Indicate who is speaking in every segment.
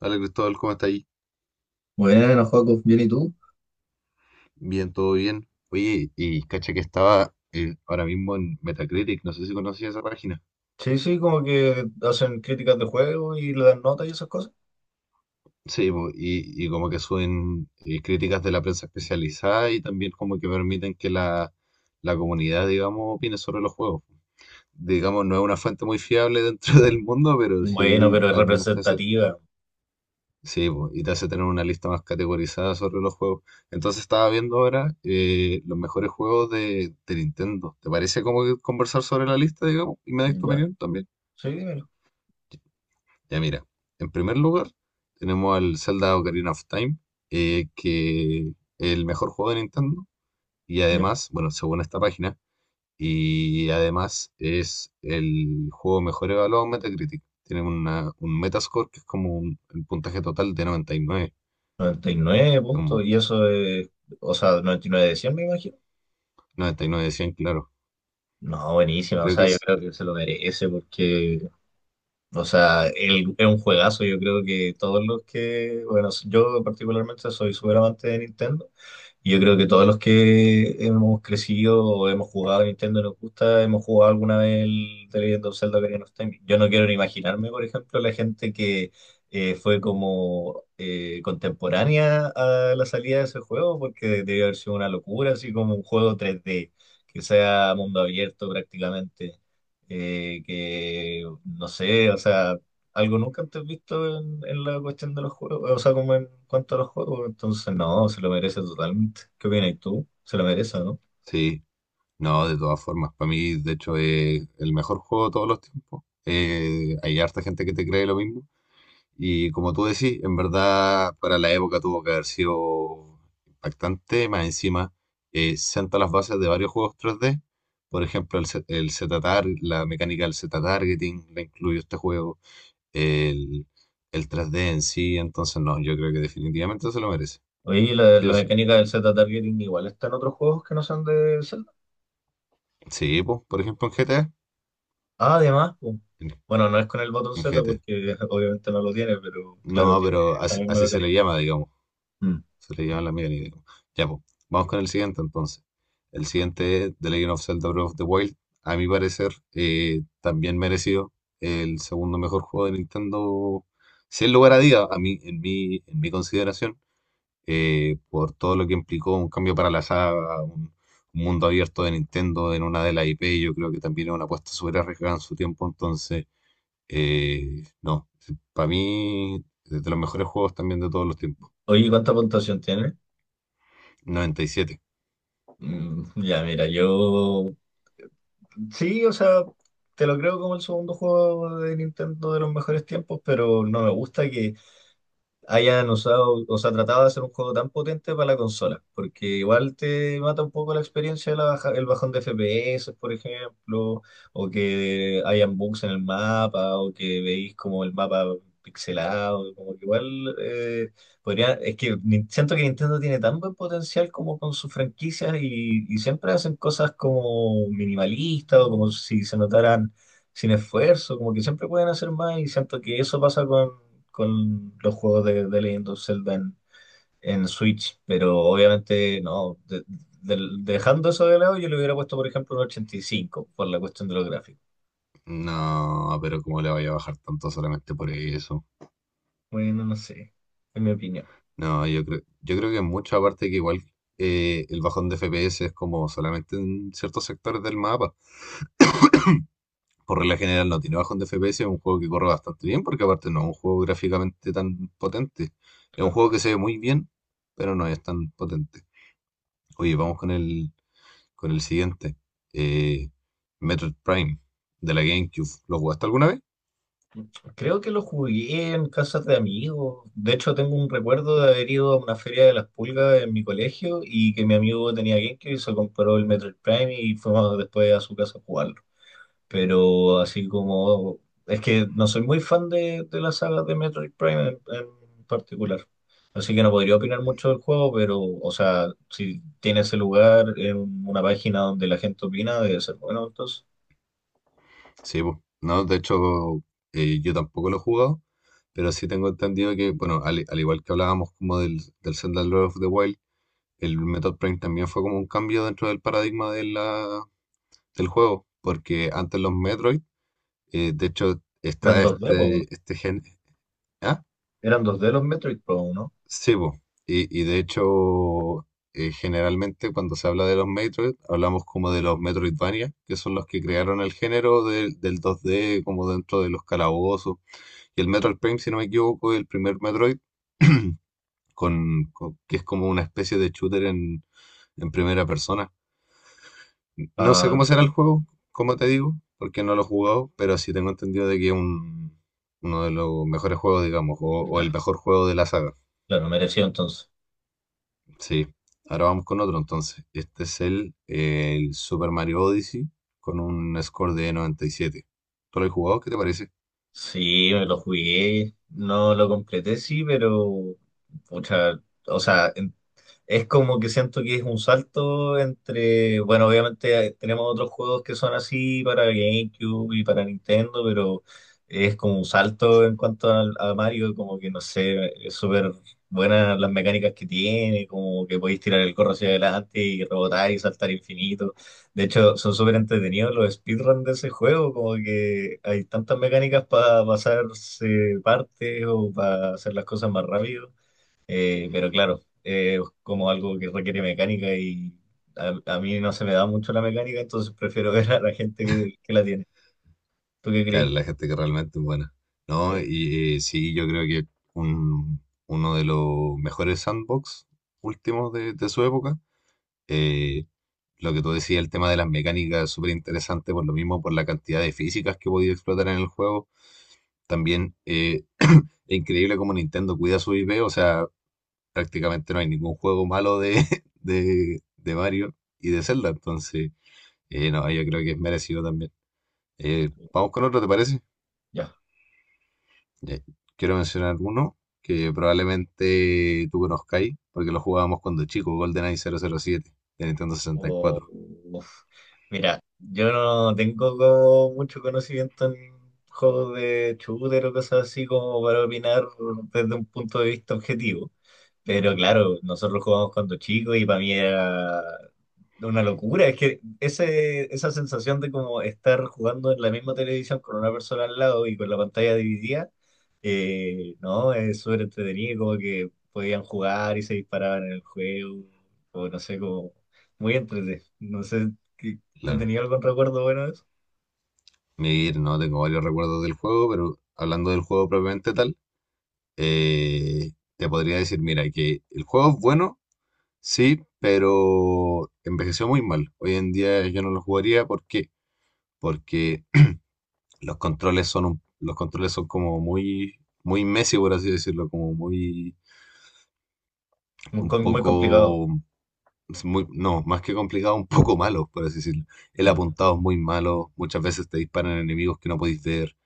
Speaker 1: Hola Cristóbal, ¿cómo está ahí?
Speaker 2: Bueno, Joaco, bien, ¿y tú?
Speaker 1: Bien, todo bien. Oye, y cacha que estaba ahora mismo en Metacritic, no sé si conocías esa página.
Speaker 2: Sí, sí, como que hacen críticas de juego y le dan notas y esas cosas.
Speaker 1: Sí, po, y como que suben críticas de la prensa especializada y también como que permiten que la comunidad, digamos, opine sobre los juegos. Digamos, no es una fuente muy fiable dentro del mundo, pero
Speaker 2: Bueno,
Speaker 1: sí
Speaker 2: pero es
Speaker 1: al menos te hace.
Speaker 2: representativa.
Speaker 1: Sí, po, y te hace tener una lista más categorizada sobre los juegos. Entonces estaba viendo ahora los mejores juegos de Nintendo. ¿Te parece como que conversar sobre la lista, digamos? Y me das tu
Speaker 2: Ya,
Speaker 1: opinión también.
Speaker 2: sí, dímelo.
Speaker 1: Ya, mira, en primer lugar tenemos al Zelda Ocarina of Time, que es el mejor juego de Nintendo. Y
Speaker 2: Ya.
Speaker 1: además, bueno, según esta página, y además es el juego mejor evaluado en Metacritic. Tiene una, un Metascore que es como un, el puntaje total de 99.
Speaker 2: noventa y nueve
Speaker 1: Es un
Speaker 2: puntos,
Speaker 1: montón,
Speaker 2: y eso es, o sea, 99 de 100, me imagino.
Speaker 1: 99 de 100, claro.
Speaker 2: No, buenísima, o
Speaker 1: Creo que
Speaker 2: sea, yo
Speaker 1: es.
Speaker 2: creo que se lo merece porque, o sea, es un juegazo. Yo creo que todos los que, bueno, yo particularmente soy súper amante de Nintendo. Y yo creo que todos los que hemos crecido o hemos jugado a Nintendo y nos gusta, hemos jugado alguna vez el The Legend of Zelda Ocarina of Time. Yo no quiero ni imaginarme, por ejemplo, la gente que fue como contemporánea a la salida de ese juego, porque debió haber sido una locura, así como un juego 3D que sea mundo abierto prácticamente. Que no sé, o sea, algo nunca antes visto en la cuestión de los juegos, o sea, como en cuanto a los juegos, entonces no, se lo merece totalmente. ¿Qué opinas tú? Se lo merece, ¿no?
Speaker 1: Sí. No, de todas formas. Para mí, de hecho, es el mejor juego de todos los tiempos. Hay harta gente que te cree lo mismo. Y como tú decís, en verdad, para la época tuvo que haber sido impactante. Más encima, senta las bases de varios juegos 3D. Por ejemplo, el, Z- el Z-Tar- la mecánica del Z-Targeting la incluyó este juego. El, el 3D en sí. Entonces, no, yo creo que definitivamente se lo merece.
Speaker 2: Oye, la,
Speaker 1: Sí
Speaker 2: la
Speaker 1: o sí.
Speaker 2: mecánica del Z-targeting igual está en otros juegos que no son de Zelda.
Speaker 1: Sí, pues, por ejemplo, en GTA.
Speaker 2: Ah, además, pues,
Speaker 1: En,
Speaker 2: bueno, no es con el botón
Speaker 1: en
Speaker 2: Z
Speaker 1: GT.
Speaker 2: porque obviamente no lo tiene, pero claro,
Speaker 1: No,
Speaker 2: tiene
Speaker 1: pero
Speaker 2: esa
Speaker 1: así,
Speaker 2: misma
Speaker 1: así se
Speaker 2: mecánica.
Speaker 1: le llama, digamos.
Speaker 2: Mm.
Speaker 1: Se le llama la mía, digamos. Ya, pues. Vamos con el siguiente entonces. El siguiente es The Legend of Zelda Breath of the Wild. A mi parecer, también merecido el segundo mejor juego de Nintendo, sin lugar a duda, a mí, en mi consideración, por todo lo que implicó un cambio para la saga, un mundo abierto de Nintendo en una de las IP, yo creo que también es una apuesta súper arriesgada en su tiempo, entonces. No, para mí, de los mejores juegos también de todos los tiempos.
Speaker 2: Oye, ¿cuánta puntuación tiene?
Speaker 1: Noventa y siete.
Speaker 2: Mm, ya, mira, yo sí, o sea, te lo creo como el segundo juego de Nintendo de los mejores tiempos, pero no me gusta que hayan usado, o sea, tratado de hacer un juego tan potente para la consola, porque igual te mata un poco la experiencia de el bajón de FPS, por ejemplo, o que hayan bugs en el mapa, o que veis como el mapa pixelado, como que igual podría, es que siento que Nintendo tiene tan buen potencial como con sus franquicias y siempre hacen cosas como minimalistas o como si se notaran sin esfuerzo, como que siempre pueden hacer más y siento que eso pasa con los juegos de Legend of Zelda en Switch, pero obviamente no, dejando eso de lado yo le hubiera puesto por ejemplo un 85 por la cuestión de los gráficos.
Speaker 1: No, pero ¿cómo le vaya a bajar tanto solamente por eso?
Speaker 2: Bueno, no sé, en mi opinión,
Speaker 1: No, yo creo que mucho, aparte que igual el bajón de FPS es como solamente en ciertos sectores del mapa. Por regla general no tiene bajón de FPS, es un juego que corre bastante bien, porque aparte no es un juego gráficamente tan potente. Es un
Speaker 2: claro.
Speaker 1: juego que se ve muy bien, pero no es tan potente. Oye, vamos con el siguiente. Eh, Metroid Prime de la GameCube. ¿Lo jugaste alguna vez?
Speaker 2: Creo que lo jugué en casas de amigos. De hecho, tengo un recuerdo de haber ido a una feria de las pulgas en mi colegio y que mi amigo tenía GameCube y se compró el Metroid Prime y fuimos después a su casa a jugarlo. Pero así como... Es que no soy muy fan de la saga de Metroid Prime en particular. Así que no podría opinar mucho del juego, pero, o sea, si tiene ese lugar en una página donde la gente opina, debe ser bueno. Entonces,
Speaker 1: Sí, pues. No, de hecho, yo tampoco lo he jugado, pero sí tengo entendido que, bueno, al, al igual que hablábamos como del Zelda Breath of the Wild, el Metroid Prime también fue como un cambio dentro del paradigma de del juego, porque antes los Metroid, de hecho, está
Speaker 2: eran 2D pues, ¿no?
Speaker 1: este gen... ¿Ah?
Speaker 2: Eran 2D los Metroid Pro, ¿no?
Speaker 1: Sí, po. Y de hecho, generalmente cuando se habla de los Metroid, hablamos como de los Metroidvania, que son los que crearon el género del 2D, como dentro de los calabozos. Y el Metroid Prime, si no me equivoco, es el primer Metroid, que es como una especie de shooter en primera persona. No sé
Speaker 2: Ah,
Speaker 1: cómo
Speaker 2: sí.
Speaker 1: será el juego, como te digo, porque no lo he jugado, pero sí tengo entendido de que es un, uno de los mejores juegos, digamos, o el
Speaker 2: Ya,
Speaker 1: mejor juego de la saga.
Speaker 2: claro, mereció entonces.
Speaker 1: Sí, ahora vamos con otro entonces. Este es el Super Mario Odyssey con un score de 97. ¿Tú lo has jugado? ¿Qué te parece?
Speaker 2: Sí, me lo jugué, no lo completé, sí, pero, pucha, o sea, es como que siento que es un salto entre, bueno, obviamente tenemos otros juegos que son así para GameCube y para Nintendo, pero es como un salto en cuanto a, Mario, como que no sé, es súper buenas las mecánicas que tiene, como que podéis tirar el corro hacia adelante y rebotar y saltar infinito. De hecho, son súper entretenidos los speedruns de ese juego, como que hay tantas mecánicas para pasarse partes o para hacer las cosas más rápido. Pero claro, es como algo que requiere mecánica y a mí no se me da mucho la mecánica, entonces prefiero ver a la gente que la tiene. ¿Tú qué
Speaker 1: Claro,
Speaker 2: creí?
Speaker 1: la gente que realmente es buena. No,
Speaker 2: Sí,
Speaker 1: y sí, yo creo que un- uno de los mejores sandbox últimos de su época. Eh, lo que tú decías, el tema de las mecánicas es súper interesante, por lo mismo, por la cantidad de físicas que podía explotar en el juego. También es increíble cómo Nintendo cuida su IP, o sea, prácticamente no hay ningún juego malo de, de Mario y de Zelda, entonces, no, yo creo que es merecido también. Vamos con otro, ¿te parece?
Speaker 2: ya.
Speaker 1: Ya, quiero mencionar uno que probablemente tú conozcáis, porque lo jugábamos cuando chico, GoldenEye 007 de Nintendo sesenta y
Speaker 2: O-
Speaker 1: cuatro
Speaker 2: Uf. Mira, yo no tengo como mucho conocimiento en juegos de shooter o cosas así como para opinar desde un punto de vista objetivo. Pero claro, nosotros jugamos cuando chicos y para mí era una locura. Es que ese, esa sensación de como estar jugando en la misma televisión con una persona al lado y con la pantalla dividida, no, es súper entretenido, como que podían jugar y se disparaban en el juego, o no sé, como muy entretenido. No sé, ¿tú
Speaker 1: Claro.
Speaker 2: tenías algún recuerdo bueno de eso?
Speaker 1: Mir, no tengo varios recuerdos del juego, pero hablando del juego propiamente tal, te podría decir, mira, que el juego es bueno. Sí, pero envejeció muy mal. Hoy en día yo no lo jugaría. ¿Por qué? Porque los controles son como muy, muy Messi, por así decirlo, como muy
Speaker 2: Muy,
Speaker 1: un
Speaker 2: muy complicado.
Speaker 1: poco, es muy, no, más que complicado, un poco malo, por así decirlo. El apuntado es muy malo, muchas veces te disparan enemigos que no podéis ver.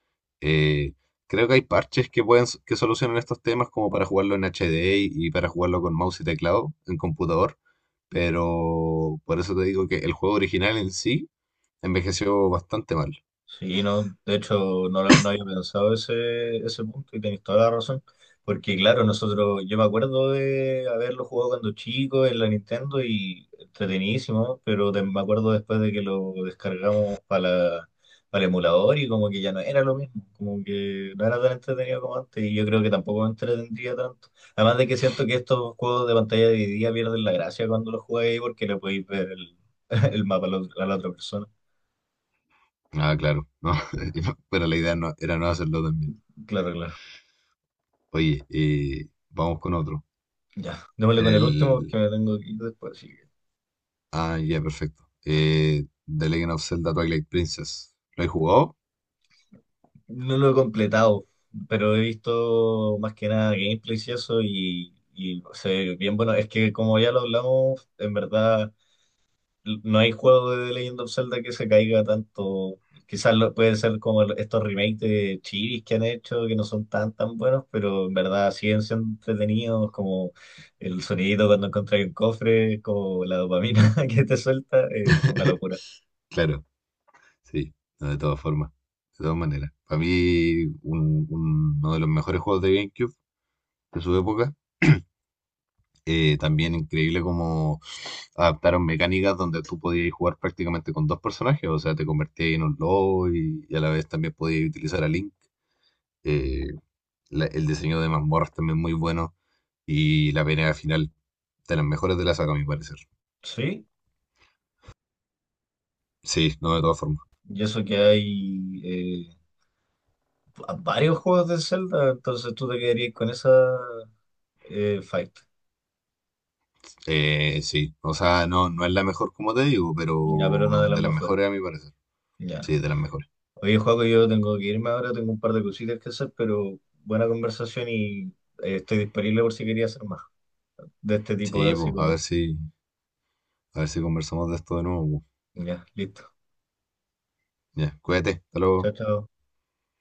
Speaker 1: Eh, creo que hay parches que pueden, que solucionan estos temas como para jugarlo en HD y para jugarlo con mouse y teclado en computador, pero por eso te digo que el juego original en sí envejeció bastante mal.
Speaker 2: Sí, no, de hecho no, no había pensado ese punto y tenéis toda la razón, porque claro, nosotros, yo me acuerdo de haberlo jugado cuando chico en la Nintendo y entretenidísimo, pero me acuerdo después de que lo descargamos para para el emulador y como que ya no era lo mismo, como que no era tan entretenido como antes y yo creo que tampoco me entretendría tanto. Además de que siento que estos juegos de pantalla dividida pierden la gracia cuando los jugáis porque le podéis ver el, el mapa a la otra persona.
Speaker 1: Ah, claro, no, pero la idea no, era no hacerlo también.
Speaker 2: Claro, claro.
Speaker 1: Oye, vamos con otro.
Speaker 2: Ya, démosle con el último
Speaker 1: El,
Speaker 2: porque me tengo que ir después. Así que
Speaker 1: ah, ya, perfecto. The Legend of Zelda Twilight Princess. ¿Lo he jugado?
Speaker 2: no lo he completado, pero he visto más que nada gameplays y eso y se ve bien bueno. Es que como ya lo hablamos, en verdad no hay juego de The Legend of Zelda que se caiga tanto. Quizás puede ser como estos remakes de Chivis que han hecho, que no son tan tan buenos, pero en verdad siguen siendo entretenidos, como el sonidito cuando encontráis un cofre, como la dopamina que te suelta, una locura.
Speaker 1: Claro, sí, no, de todas formas, de todas maneras. Para mí, uno de los mejores juegos de GameCube de su época. También increíble cómo adaptaron mecánicas donde tú podías jugar prácticamente con dos personajes, o sea, te convertías en un lobo y a la vez también podías utilizar a Link. Eh, el diseño de mazmorras también muy bueno y la pelea final, de las mejores de la saga, a mi parecer.
Speaker 2: Sí,
Speaker 1: Sí, no, de todas formas.
Speaker 2: y eso que hay eh, varios juegos de Zelda, entonces tú te quedarías con esa fight.
Speaker 1: Sí, o sea, no, no es la mejor como te digo,
Speaker 2: Ya, pero una de
Speaker 1: pero
Speaker 2: las
Speaker 1: de las
Speaker 2: mejores.
Speaker 1: mejores a mi parecer.
Speaker 2: Ya.
Speaker 1: Sí, de las mejores.
Speaker 2: Oye, Joaco, yo tengo que irme ahora, tengo un par de cositas que hacer, pero buena conversación y estoy disponible por si quería hacer más de este tipo,
Speaker 1: Sí, pues,
Speaker 2: así como.
Speaker 1: a ver si conversamos de esto de nuevo, po.
Speaker 2: Ya, listo.
Speaker 1: Ya, cuídate, hasta
Speaker 2: Chao,
Speaker 1: luego.
Speaker 2: chao.